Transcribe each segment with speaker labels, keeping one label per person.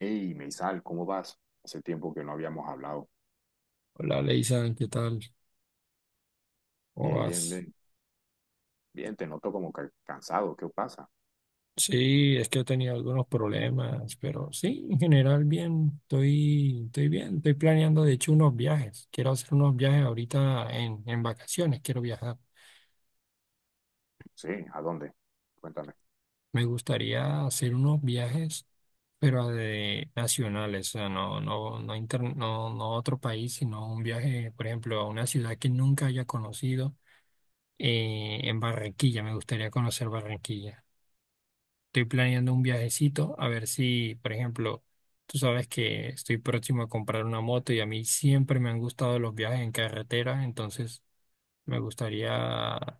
Speaker 1: Hey, Meisal, ¿cómo vas? Hace tiempo que no habíamos hablado.
Speaker 2: Hola, Leisan, ¿qué tal? ¿Cómo
Speaker 1: Bien, bien,
Speaker 2: vas?
Speaker 1: bien. Bien, te noto como que cansado. ¿Qué pasa?
Speaker 2: Sí, es que he tenido algunos problemas, pero sí, en general bien, estoy bien, estoy planeando de hecho unos viajes. Quiero hacer unos viajes ahorita en vacaciones, quiero viajar.
Speaker 1: Sí, ¿a dónde? Cuéntame.
Speaker 2: Me gustaría hacer unos viajes, pero de nacionales, o sea, no, no a otro país, sino un viaje, por ejemplo, a una ciudad que nunca haya conocido, en Barranquilla, me gustaría conocer Barranquilla. Estoy planeando un viajecito, a ver si, por ejemplo, tú sabes que estoy próximo a comprar una moto y a mí siempre me han gustado los viajes en carretera, entonces me gustaría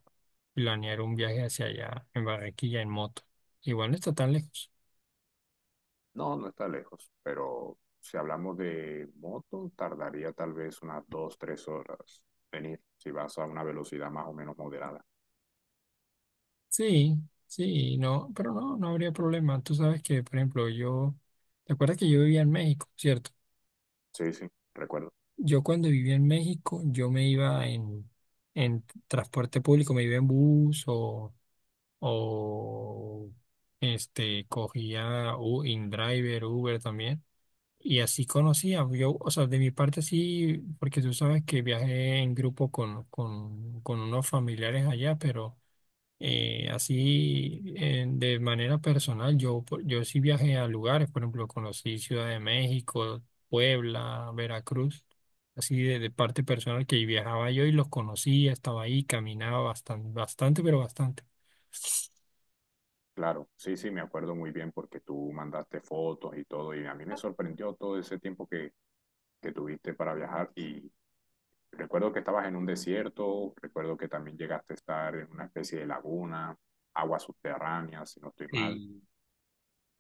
Speaker 2: planear un viaje hacia allá, en Barranquilla, en moto. Igual no está tan lejos.
Speaker 1: No, no está lejos, pero si hablamos de moto, tardaría tal vez unas dos, tres horas venir, si vas a una velocidad más o menos moderada.
Speaker 2: Sí, sí, no, pero no, no habría problema. Tú sabes que, por ejemplo, yo, ¿te acuerdas que yo vivía en México, cierto?
Speaker 1: Sí, sí, recuerdo.
Speaker 2: Yo cuando vivía en México, yo me iba en transporte público, me iba en bus o este, cogía InDriver, Uber también. Y así conocía, yo, o sea, de mi parte sí, porque tú sabes que viajé en grupo con unos familiares allá, pero así de manera personal, yo, yo sí viajé a lugares, por ejemplo, conocí Ciudad de México, Puebla, Veracruz, así de parte personal que viajaba yo y los conocía, estaba ahí, caminaba bastante, bastante, pero bastante.
Speaker 1: Claro, sí, sí, me acuerdo muy bien porque tú mandaste fotos y todo, y a mí me sorprendió todo ese tiempo que tuviste para viajar. Recuerdo que estabas en un desierto, recuerdo que también llegaste a estar en una especie de laguna, aguas subterráneas, si no estoy mal.
Speaker 2: Sí,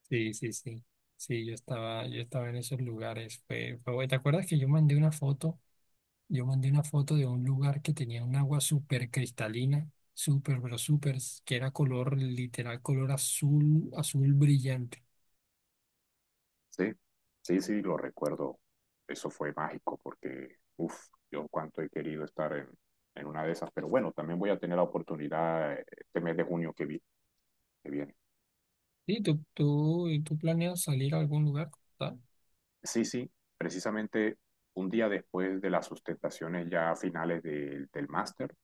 Speaker 2: sí, sí, sí. Sí, yo estaba en esos lugares. Fue, fue bueno. ¿Te acuerdas que yo mandé una foto? Yo mandé una foto de un lugar que tenía un agua súper cristalina, súper, pero súper, que era color, literal, color azul, azul brillante.
Speaker 1: Sí, sí, sí, lo recuerdo. Eso fue mágico porque, uff, yo cuánto he querido en una de esas. Pero bueno, también voy a tener la oportunidad este mes de junio que viene.
Speaker 2: Sí, tú planeas salir a algún lugar, ¿verdad?
Speaker 1: Sí, sí, precisamente un día después de las sustentaciones ya finales del máster.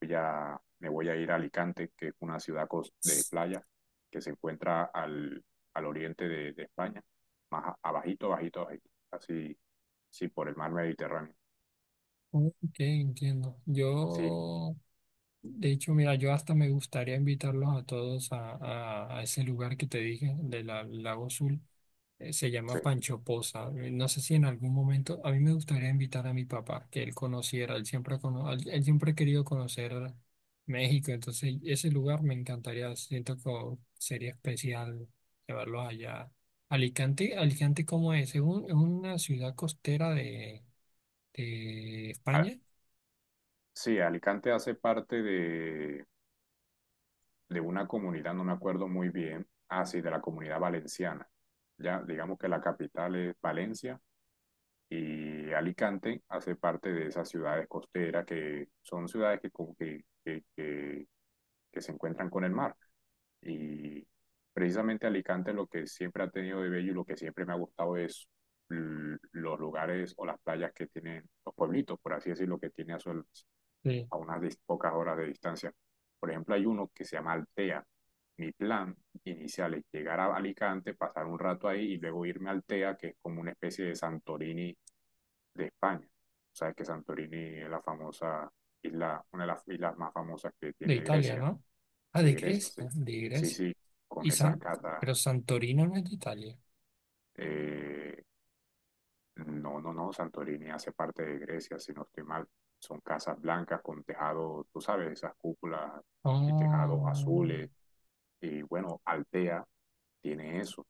Speaker 1: Me voy a ir a Alicante, que es una ciudad de playa que se encuentra al oriente de España, más abajito, bajito abajito, así, sí, por el mar Mediterráneo.
Speaker 2: Ok, entiendo.
Speaker 1: Sí,
Speaker 2: Yo, de hecho, mira, yo hasta me gustaría invitarlos a todos a, a ese lugar que te dije, del la, Lago Azul. Se
Speaker 1: sí.
Speaker 2: llama Pancho Poza. No sé si en algún momento, a mí me gustaría invitar a mi papá, que él conociera, él siempre, él él siempre ha querido conocer México, entonces ese lugar me encantaría, siento que sería especial llevarlo allá. Alicante, Alicante, ¿cómo es? Es una ciudad costera de
Speaker 1: A-
Speaker 2: España,
Speaker 1: sí, Alicante hace parte de una comunidad, no me acuerdo muy bien, ah, sí, de la comunidad valenciana. Ya, digamos que la capital es Valencia y Alicante hace parte de esas ciudades costeras que son ciudades que, como que, que que se encuentran con el mar. Y precisamente Alicante lo que siempre ha tenido de bello y lo que siempre me ha gustado es los lugares o las playas que tienen los pueblitos, por así decirlo, que tiene a, su,
Speaker 2: de,
Speaker 1: a unas pocas horas de distancia. Por ejemplo, hay uno que se llama Altea. Mi plan inicial es llegar a Alicante, pasar un rato ahí y luego irme a Altea, que es como una especie de Santorini de España. Sabes que Santorini es la famosa isla, una de las islas más famosas que
Speaker 2: de
Speaker 1: tiene
Speaker 2: Italia,
Speaker 1: Grecia.
Speaker 2: ¿no? Ah,
Speaker 1: De
Speaker 2: de
Speaker 1: Grecia, sí.
Speaker 2: Grecia, de
Speaker 1: Sí,
Speaker 2: Grecia.
Speaker 1: sí, con
Speaker 2: Y
Speaker 1: esas
Speaker 2: San,
Speaker 1: catas.
Speaker 2: pero Santorino no es de Italia.
Speaker 1: eh, no, no, no, Santorini hace parte de Grecia, si no estoy mal. Son casas blancas con tejado, tú sabes, esas cúpulas y tejados
Speaker 2: Oh.
Speaker 1: azules. Y bueno, Altea tiene eso,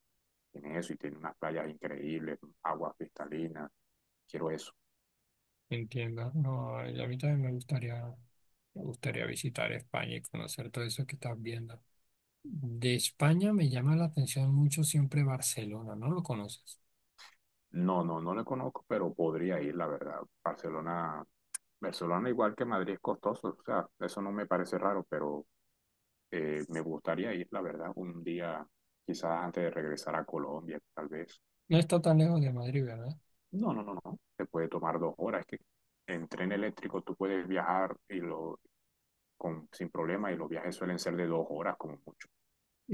Speaker 1: tiene eso y tiene unas playas increíbles, aguas cristalinas. Quiero eso.
Speaker 2: Entiendo. No, a mí también me gustaría visitar España y conocer todo eso que estás viendo. De España me llama la atención mucho siempre Barcelona, ¿no lo conoces?
Speaker 1: No, no, no le conozco, pero podría ir, la verdad. Barcelona igual que Madrid es costoso, o sea, eso no me parece raro, pero me gustaría ir, la verdad, un día, quizás antes de regresar a Colombia, tal vez.
Speaker 2: No está tan lejos de Madrid, ¿verdad?
Speaker 1: No, no, no, no. Te puede tomar dos horas. Es que en tren eléctrico tú puedes con, sin problema y los viajes suelen ser de dos horas como mucho.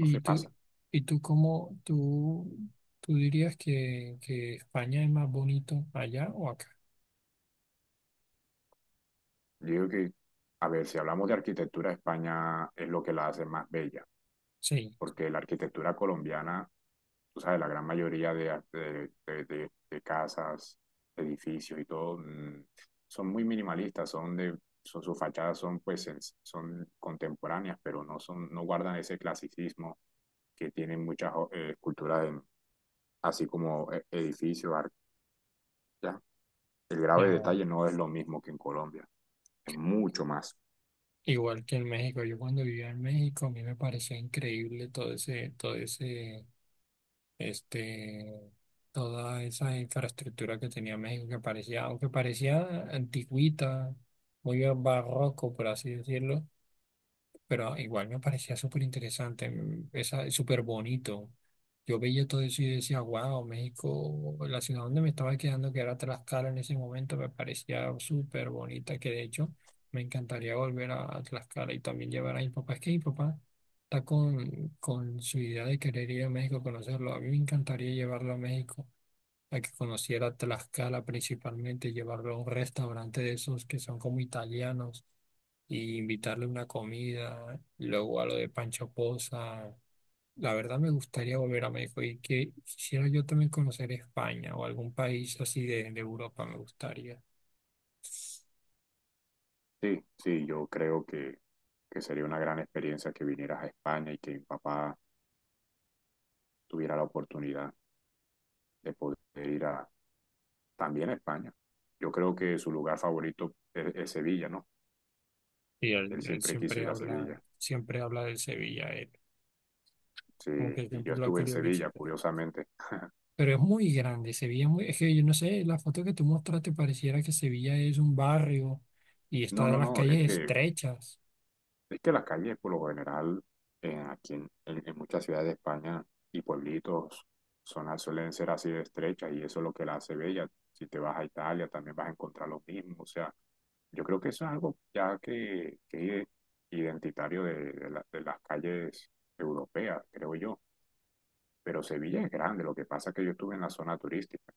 Speaker 1: No se
Speaker 2: tú,
Speaker 1: pasa.
Speaker 2: y tú cómo, tú dirías que España es más bonito allá o acá?
Speaker 1: Digo que, a ver, si hablamos de arquitectura, España es lo que la hace más bella.
Speaker 2: Sí,
Speaker 1: Porque la arquitectura colombiana, o sea, la gran mayoría de casas, edificios y todo, son muy minimalistas, son, sus fachadas son pues son contemporáneas, pero no son, no guardan ese clasicismo que tienen muchas esculturas así como edificios, ya. El grave
Speaker 2: ya,
Speaker 1: detalle no es lo mismo que en Colombia, es mucho más.
Speaker 2: igual que en México. Yo cuando vivía en México, a mí me parecía increíble todo ese este, toda esa infraestructura que tenía México, que parecía, aunque parecía antigüita, muy barroco, por así decirlo, pero igual me parecía súper interesante, esa- súper bonito. Yo veía todo eso y decía, wow, México, la ciudad donde me estaba quedando, que era Tlaxcala en ese momento, me parecía súper bonita, que de hecho me encantaría volver a Tlaxcala y también llevar a mi papá. Es que mi papá está con su idea de querer ir a México conocerlo. A mí me encantaría llevarlo a México, a que conociera Tlaxcala principalmente, llevarlo a un restaurante de esos que son como italianos y invitarle una comida, luego a lo de Pancho Poza. La verdad me gustaría volver a México y que quisiera yo también conocer España o algún país así de Europa me gustaría.
Speaker 1: Sí, sí, yo creo que sería una gran experiencia que vinieras a España y que mi papá tuviera la oportunidad de poder ir a, también a España. Yo creo que su lugar favorito es Sevilla, ¿no?
Speaker 2: Y
Speaker 1: Él
Speaker 2: él
Speaker 1: siempre quiso ir a Sevilla.
Speaker 2: siempre habla del Sevilla, él como
Speaker 1: Sí,
Speaker 2: que
Speaker 1: y yo
Speaker 2: siempre lo ha
Speaker 1: estuve en
Speaker 2: querido
Speaker 1: Sevilla,
Speaker 2: visitar.
Speaker 1: curiosamente.
Speaker 2: Pero es muy grande, Sevilla es muy, es que yo no sé, la foto que tú mostraste pareciera que Sevilla es un barrio y
Speaker 1: No,
Speaker 2: está de
Speaker 1: no,
Speaker 2: las
Speaker 1: no,
Speaker 2: calles estrechas.
Speaker 1: es que las calles, por lo general, en, aquí en muchas ciudades de España y pueblitos son, suelen ser así de estrechas y eso es lo que la hace bella. Si te vas a Italia, también vas a encontrar lo mismo. O sea, yo creo que eso es algo ya que es identitario de las calles europeas, creo yo. Pero Sevilla es grande, lo que pasa es que yo estuve en la zona turística.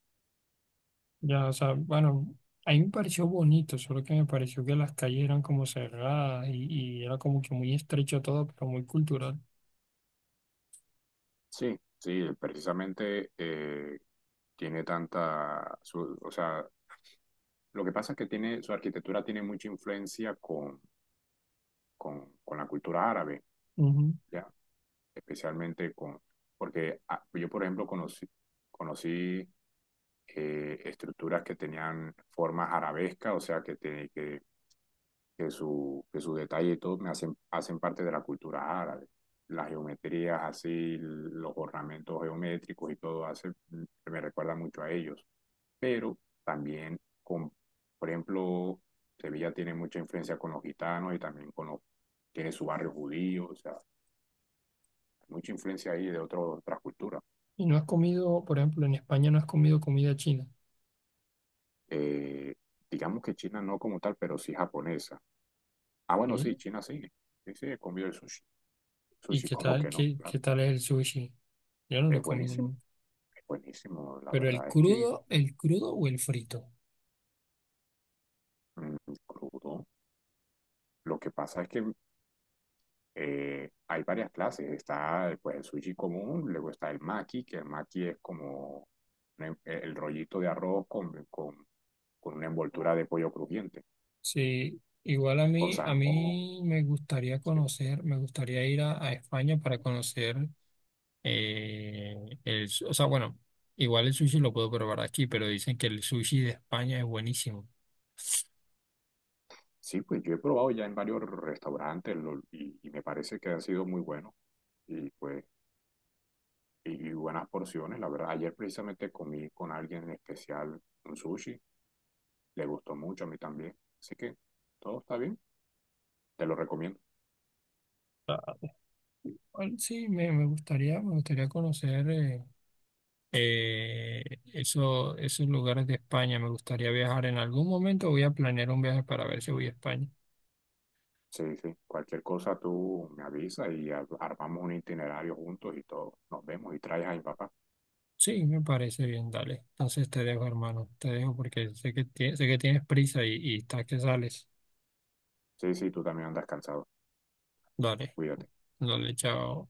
Speaker 2: Ya, o sea, bueno, a mí me pareció bonito, solo que me pareció que las calles eran como cerradas y era como que muy estrecho todo, pero muy cultural.
Speaker 1: Sí, sí, precisamente tiene tanta, o sea, lo que pasa es que tiene, su arquitectura tiene mucha influencia con la cultura árabe,
Speaker 2: Ujú.
Speaker 1: ¿ya? Especialmente con, porque ah, yo, por ejemplo, conocí estructuras que tenían formas arabescas, o sea, que que su detalle y todo me hacen, hacen parte de la cultura árabe. Las geometrías así, los ornamentos geométricos y todo hace, me recuerda mucho a ellos. Pero también, con, por ejemplo, Sevilla tiene mucha influencia con los gitanos y también con los, tiene su barrio judío, o sea, mucha influencia ahí otras culturas.
Speaker 2: Y no has comido, por ejemplo, en España no has comido comida china.
Speaker 1: Eh, digamos que China no como tal, pero sí japonesa. Ah, bueno, sí,
Speaker 2: ¿Sí?
Speaker 1: China sí, sí, sí, he comido el sushi.
Speaker 2: ¿Y
Speaker 1: Sushi,
Speaker 2: qué
Speaker 1: como
Speaker 2: tal,
Speaker 1: que no,
Speaker 2: qué,
Speaker 1: claro.
Speaker 2: qué tal es el sushi? Yo no lo
Speaker 1: Es
Speaker 2: he comido
Speaker 1: buenísimo.
Speaker 2: nunca.
Speaker 1: Buenísimo, la
Speaker 2: Pero
Speaker 1: verdad es que
Speaker 2: el crudo o el frito.
Speaker 1: mm, crudo. Lo que pasa es que hay varias clases. Está pues, el sushi común, luego está el maki, que el maki es como el rollito de arroz con una envoltura de pollo crujiente,
Speaker 2: Sí, igual
Speaker 1: con
Speaker 2: a
Speaker 1: salmón.
Speaker 2: mí me gustaría
Speaker 1: Sí,
Speaker 2: conocer, me gustaría ir a España para conocer. Eh, el, su- o sea, bueno, igual el sushi lo puedo probar aquí, pero dicen que el sushi de España es buenísimo.
Speaker 1: sí, pues yo he probado ya en varios restaurantes y me parece que han sido muy buenos y pues y buenas porciones, la verdad. Ayer precisamente comí con alguien en especial un sushi le gustó mucho a mí también. Así que todo está bien, te lo recomiendo.
Speaker 2: Ah, bueno, sí, me, me gustaría conocer eh, eso- esos lugares de España. Me gustaría viajar en algún momento. Voy a planear un viaje para ver si voy a España.
Speaker 1: Sí, sí, cualquier cosa tú me avisas y armamos un itinerario juntos y todo. Nos vemos y traes a mi papá.
Speaker 2: Sí, me parece bien, dale. Entonces te dejo, hermano. Te dejo porque sé que, sé que tienes prisa y estás que sales.
Speaker 1: Sí, sí, tú también andas cansado.
Speaker 2: Dale,
Speaker 1: Cuídate.
Speaker 2: dale, chao.